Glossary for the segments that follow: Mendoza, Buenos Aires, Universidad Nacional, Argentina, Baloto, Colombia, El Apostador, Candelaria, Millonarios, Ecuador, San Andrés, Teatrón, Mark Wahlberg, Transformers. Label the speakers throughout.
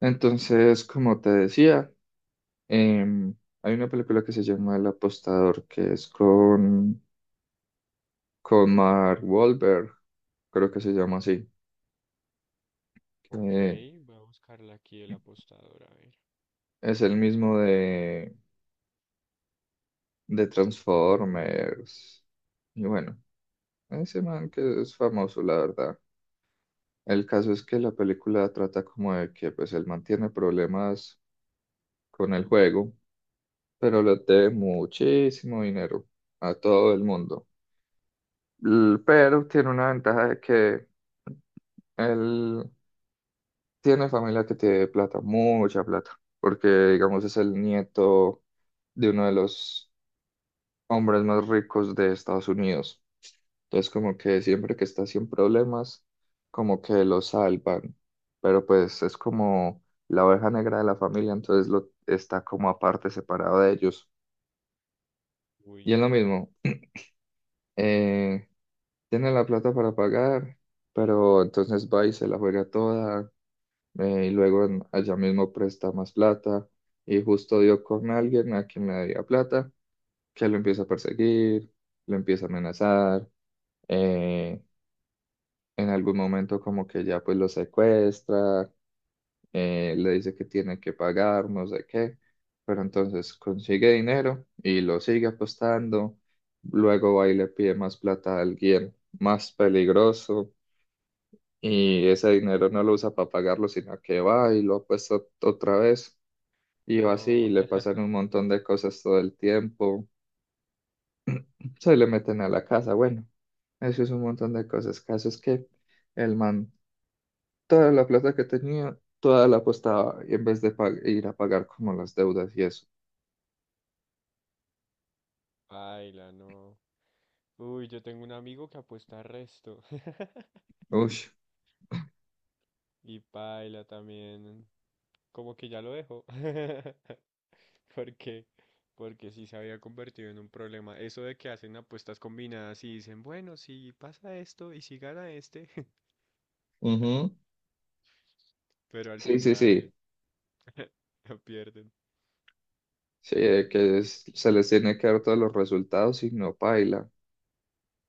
Speaker 1: Entonces, como te decía, em, hay una película que se llama El Apostador, que es con Mark Wahlberg, creo que se llama así,
Speaker 2: Ok,
Speaker 1: que
Speaker 2: voy a buscarla aquí el apostador, a ver.
Speaker 1: es el mismo de Transformers. Y bueno, ese man que es famoso, la verdad. El caso es que la película trata como de que pues él mantiene problemas con el juego, pero le debe muchísimo dinero a todo el mundo. Pero tiene una ventaja de que él tiene familia que tiene plata, mucha plata, porque digamos es el nieto de uno de los hombres más ricos de Estados Unidos. Entonces como que siempre que está sin problemas, como que lo salvan, pero pues es como la oveja negra de la familia, entonces lo está como aparte, separado de ellos. Y
Speaker 2: Uy,
Speaker 1: es lo mismo, eh, tiene la plata para pagar, pero entonces va y se la juega toda, y luego allá mismo presta más plata y justo dio con alguien a quien le debía plata, que lo empieza a perseguir, lo empieza a amenazar, eh, en algún momento como que ya pues lo secuestra, le dice que tiene que pagar, no sé qué, pero entonces consigue dinero y lo sigue apostando, luego va y le pide más plata a alguien más peligroso. Y ese dinero no lo usa para pagarlo, sino que va y lo apuesta otra vez. Y va así,
Speaker 2: no,
Speaker 1: y le pasan un montón de cosas todo el tiempo. Se le meten a la casa. Bueno, eso es un montón de cosas. Caso es que el man, toda la plata que tenía, toda la apostaba y en vez de ir a pagar como las deudas y eso.
Speaker 2: paila, no. Uy, yo tengo un amigo que apuesta resto.
Speaker 1: Uy,
Speaker 2: Y paila también. Como que ya lo dejo. Porque, porque sí se había convertido en un problema. Eso de que hacen apuestas combinadas y dicen, bueno, si pasa esto y si gana este,
Speaker 1: ujú,
Speaker 2: pero al
Speaker 1: sí, sí,
Speaker 2: final
Speaker 1: sí.
Speaker 2: la pierden.
Speaker 1: Sí, que se les tiene que dar todos los resultados y no paila.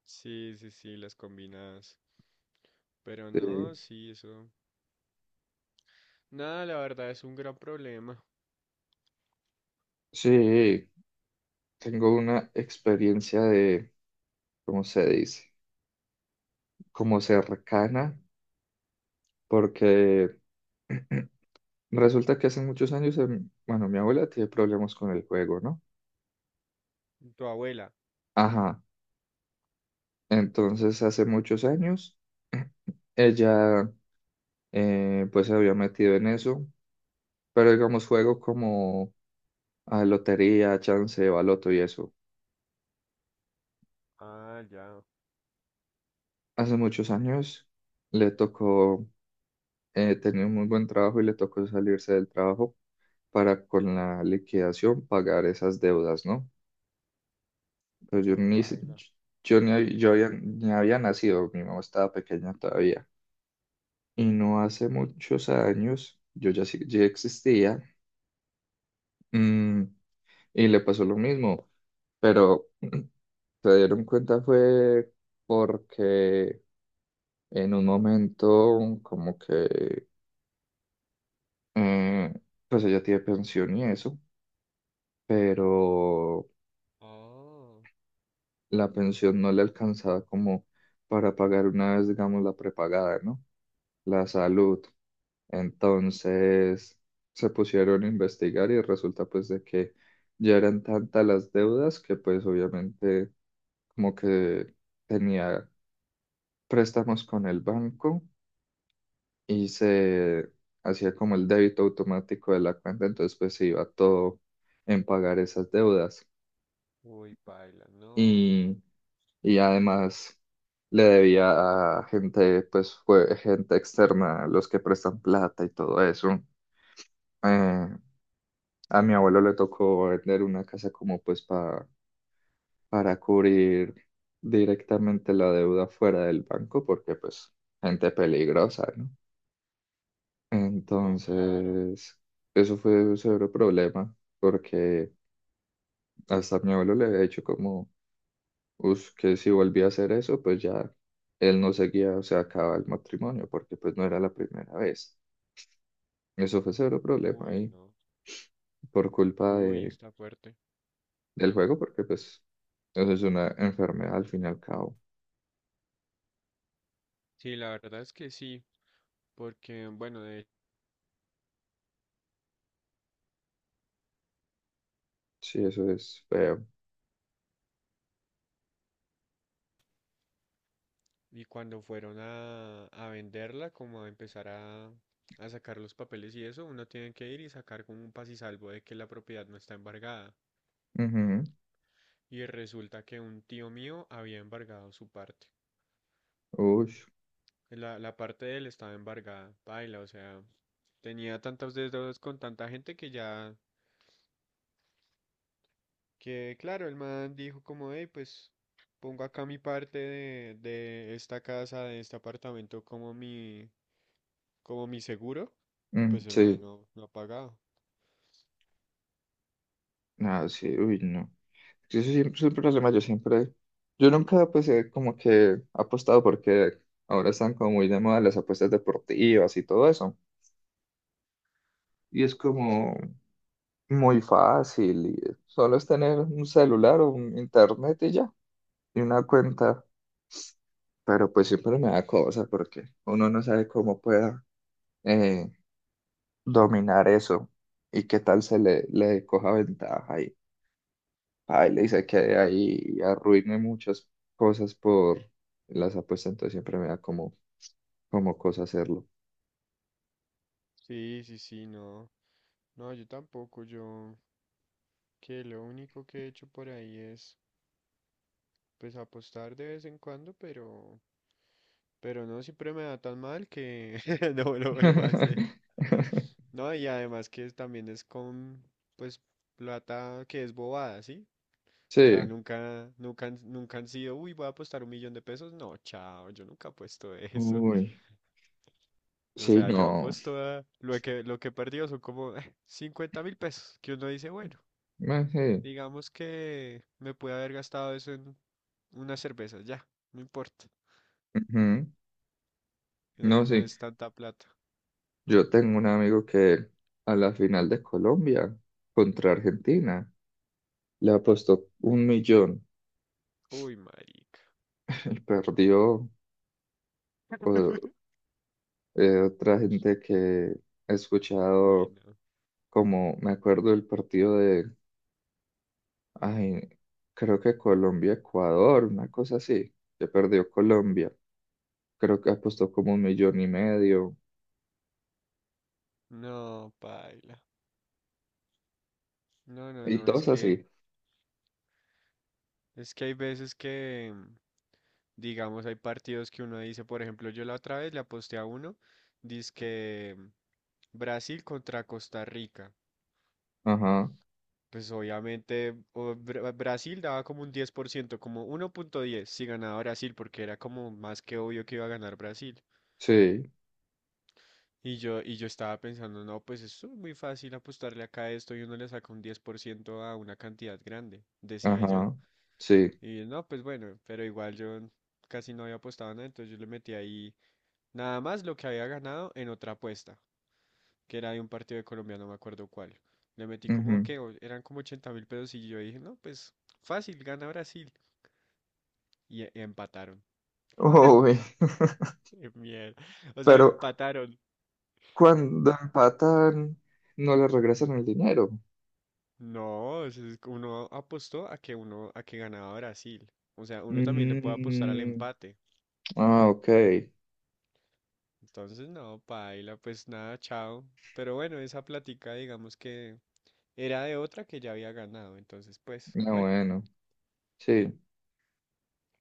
Speaker 2: Sí, sí, sí, las combinadas. Pero
Speaker 1: Sí,
Speaker 2: no, sí, eso. Nada, la verdad es un gran problema.
Speaker 1: sí, tengo una experiencia de, ¿cómo se dice? Como cercana, porque. Resulta que hace muchos años, bueno, mi abuela tiene problemas con el juego, ¿no?
Speaker 2: Tu abuela.
Speaker 1: Ajá, entonces hace muchos años ella, pues se había metido en eso, pero digamos juego como a lotería, chance, baloto y eso.
Speaker 2: Ah, ya.
Speaker 1: Hace muchos años le tocó, tenía un muy buen trabajo y le tocó salirse del trabajo para con la liquidación pagar esas deudas, ¿no? Pero yo
Speaker 2: Uy,
Speaker 1: ni,
Speaker 2: paila.
Speaker 1: yo ni, yo ni había nacido, mi mamá estaba pequeña todavía. Y no hace muchos años, yo ya, ya existía, mm, y le pasó lo mismo, pero se dieron cuenta fue porque en un momento como que, eh, pues ella tiene pensión y eso, pero
Speaker 2: Oh,
Speaker 1: la pensión no le alcanzaba como para pagar una vez, digamos, la prepagada, ¿no? La salud. Entonces se pusieron a investigar y resulta pues de que ya eran tantas las deudas que pues obviamente como que tenía préstamos con el banco y se hacía como el débito automático de la cuenta, entonces pues se iba todo en pagar esas deudas
Speaker 2: uy, paila, no,
Speaker 1: y, y además le debía a gente pues fue gente externa, los que prestan plata y todo eso. Eh, A mi abuelo le tocó vender una casa como pues para cubrir directamente la deuda fuera del banco, porque pues gente peligrosa, ¿no?
Speaker 2: no, claro,
Speaker 1: Entonces, eso fue un severo problema, porque hasta mi abuelo le había dicho como, "Us, que si volvía a hacer eso, pues ya él no seguía, o sea, acaba el matrimonio, porque pues no era la primera vez. Eso fue severo problema
Speaker 2: uy,
Speaker 1: y
Speaker 2: no,
Speaker 1: por culpa
Speaker 2: uy, está fuerte.
Speaker 1: del juego, porque pues eso es una enfermedad al fin y al cabo.
Speaker 2: Sí, la verdad es que sí, porque, bueno,
Speaker 1: Sí, eso es feo.
Speaker 2: y cuando fueron a venderla, como a empezar a sacar los papeles y eso, uno tiene que ir y sacar como un pasisalvo de que la propiedad no está embargada.
Speaker 1: Ujú,
Speaker 2: Y resulta que un tío mío había embargado su parte.
Speaker 1: uy,
Speaker 2: La parte de él estaba embargada, paila, o sea, tenía tantos dedos con tanta gente que ya, que claro, el man dijo como, hey, pues pongo acá mi parte de esta casa, de este apartamento como mi seguro, y
Speaker 1: mm,
Speaker 2: pues el man
Speaker 1: sí,
Speaker 2: no, no ha pagado.
Speaker 1: nada, sí, uy, no. Sí, eso siempre es un problema, yo siempre, yo nunca pues he como que apostado porque ahora están como muy de moda las apuestas deportivas y todo eso. Y es
Speaker 2: Sí.
Speaker 1: como muy fácil, y solo es tener un celular o un internet y ya, y una cuenta. Pero pues siempre me da cosa porque uno no sabe cómo pueda, eh, dominar eso y qué tal se le, le coja ventaja. Ay le dice que ahí arruiné muchas cosas por las apuestas, entonces siempre me da como, como cosa hacerlo.
Speaker 2: Sí, sí, sí, no, no, yo tampoco, yo, que lo único que he hecho por ahí es, pues apostar de vez en cuando, pero no, siempre me da tan mal que no lo vuelvo a hacer. No, y además que también es con, pues, plata que es bobada, ¿sí? O
Speaker 1: Sí,
Speaker 2: sea, nunca, nunca, nunca han sido, uy, voy a apostar 1 millón de pesos. No, chao, yo nunca apuesto eso.
Speaker 1: uy,
Speaker 2: O
Speaker 1: sí,
Speaker 2: sea, yo
Speaker 1: no,
Speaker 2: apuesto a lo que, he perdido son como 50 mil pesos, que uno dice, bueno,
Speaker 1: ah, sí,
Speaker 2: digamos que me pude haber gastado eso en una cerveza, ya, no importa.
Speaker 1: ujú.
Speaker 2: No,
Speaker 1: No,
Speaker 2: no
Speaker 1: sí,
Speaker 2: es tanta plata.
Speaker 1: yo tengo un amigo que a la final de Colombia contra Argentina le apostó 1 millón
Speaker 2: Uy, marica.
Speaker 1: y perdió. o- otra gente que he
Speaker 2: Uy,
Speaker 1: escuchado,
Speaker 2: no.
Speaker 1: como me acuerdo del partido de, ay, creo que Colombia, Ecuador, una cosa así. Se perdió Colombia. Creo que apostó como 1 millón y medio.
Speaker 2: No, paila. No, no,
Speaker 1: Y
Speaker 2: no, es
Speaker 1: todos
Speaker 2: que...
Speaker 1: así.
Speaker 2: Es que hay veces que, mm, digamos, hay partidos que uno dice, por ejemplo, yo la otra vez le aposté a uno, que Brasil contra Costa Rica.
Speaker 1: Ajá.
Speaker 2: Pues obviamente Brasil daba como un 10% como 1,10 si ganaba Brasil, porque era como más que obvio que iba a ganar Brasil.
Speaker 1: Sí.
Speaker 2: Y yo estaba pensando, no, pues es muy fácil apostarle acá a esto y uno le saca un 10% a una cantidad grande, decía yo.
Speaker 1: Ajá. Sí.
Speaker 2: Y no, pues bueno, pero igual yo casi no había apostado nada, entonces yo le metí ahí nada más lo que había ganado en otra apuesta, que era de un partido de Colombia, no me acuerdo cuál. Le metí como
Speaker 1: Ujú.
Speaker 2: que eran como 80.000 pesos y yo dije, no, pues fácil, gana Brasil. Y, empataron.
Speaker 1: Uy.
Speaker 2: Mierda. O sea,
Speaker 1: Pero
Speaker 2: empataron.
Speaker 1: cuando empatan, no le regresan el dinero.
Speaker 2: No, o sea, es que uno apostó a que uno, a que ganaba Brasil. O sea, uno también le puede apostar al
Speaker 1: Mm,
Speaker 2: empate.
Speaker 1: ah, ok.
Speaker 2: Entonces, no, paila, pues nada, chao. Pero bueno, esa plática, digamos que era de otra que ya había ganado, entonces pues,
Speaker 1: No,
Speaker 2: bueno.
Speaker 1: bueno. Sí.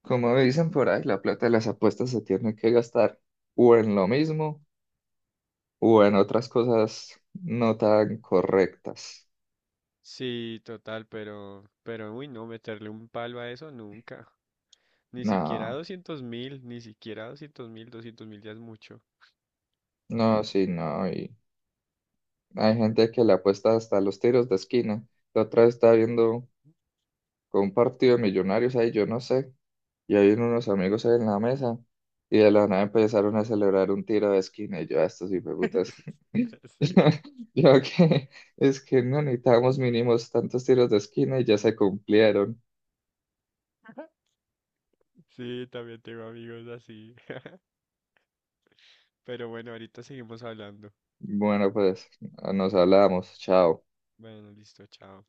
Speaker 1: Como dicen por ahí, la plata de las apuestas se tiene que gastar o en lo mismo. Bueno, otras cosas no tan correctas.
Speaker 2: Sí, total, pero, uy, no, meterle un palo a eso nunca. Ni siquiera
Speaker 1: No,
Speaker 2: 200.000, ni siquiera 200.000, 200.000 ya es mucho.
Speaker 1: no, sí, no. Y hay gente que le apuesta hasta los tiros de esquina. La otra vez estaba viendo con un partido de millonarios ahí, yo no sé. Y hay unos amigos ahí en la mesa. Y de la nada empezaron a celebrar un tiro de esquina. Y yo, a estos putas.
Speaker 2: Sí,
Speaker 1: Yo que es que no necesitábamos mínimos tantos tiros de esquina y ya se cumplieron.
Speaker 2: sí, también tengo amigos así. Pero bueno, ahorita seguimos hablando.
Speaker 1: Bueno, pues nos hablamos. Chao.
Speaker 2: Bueno, listo, chao.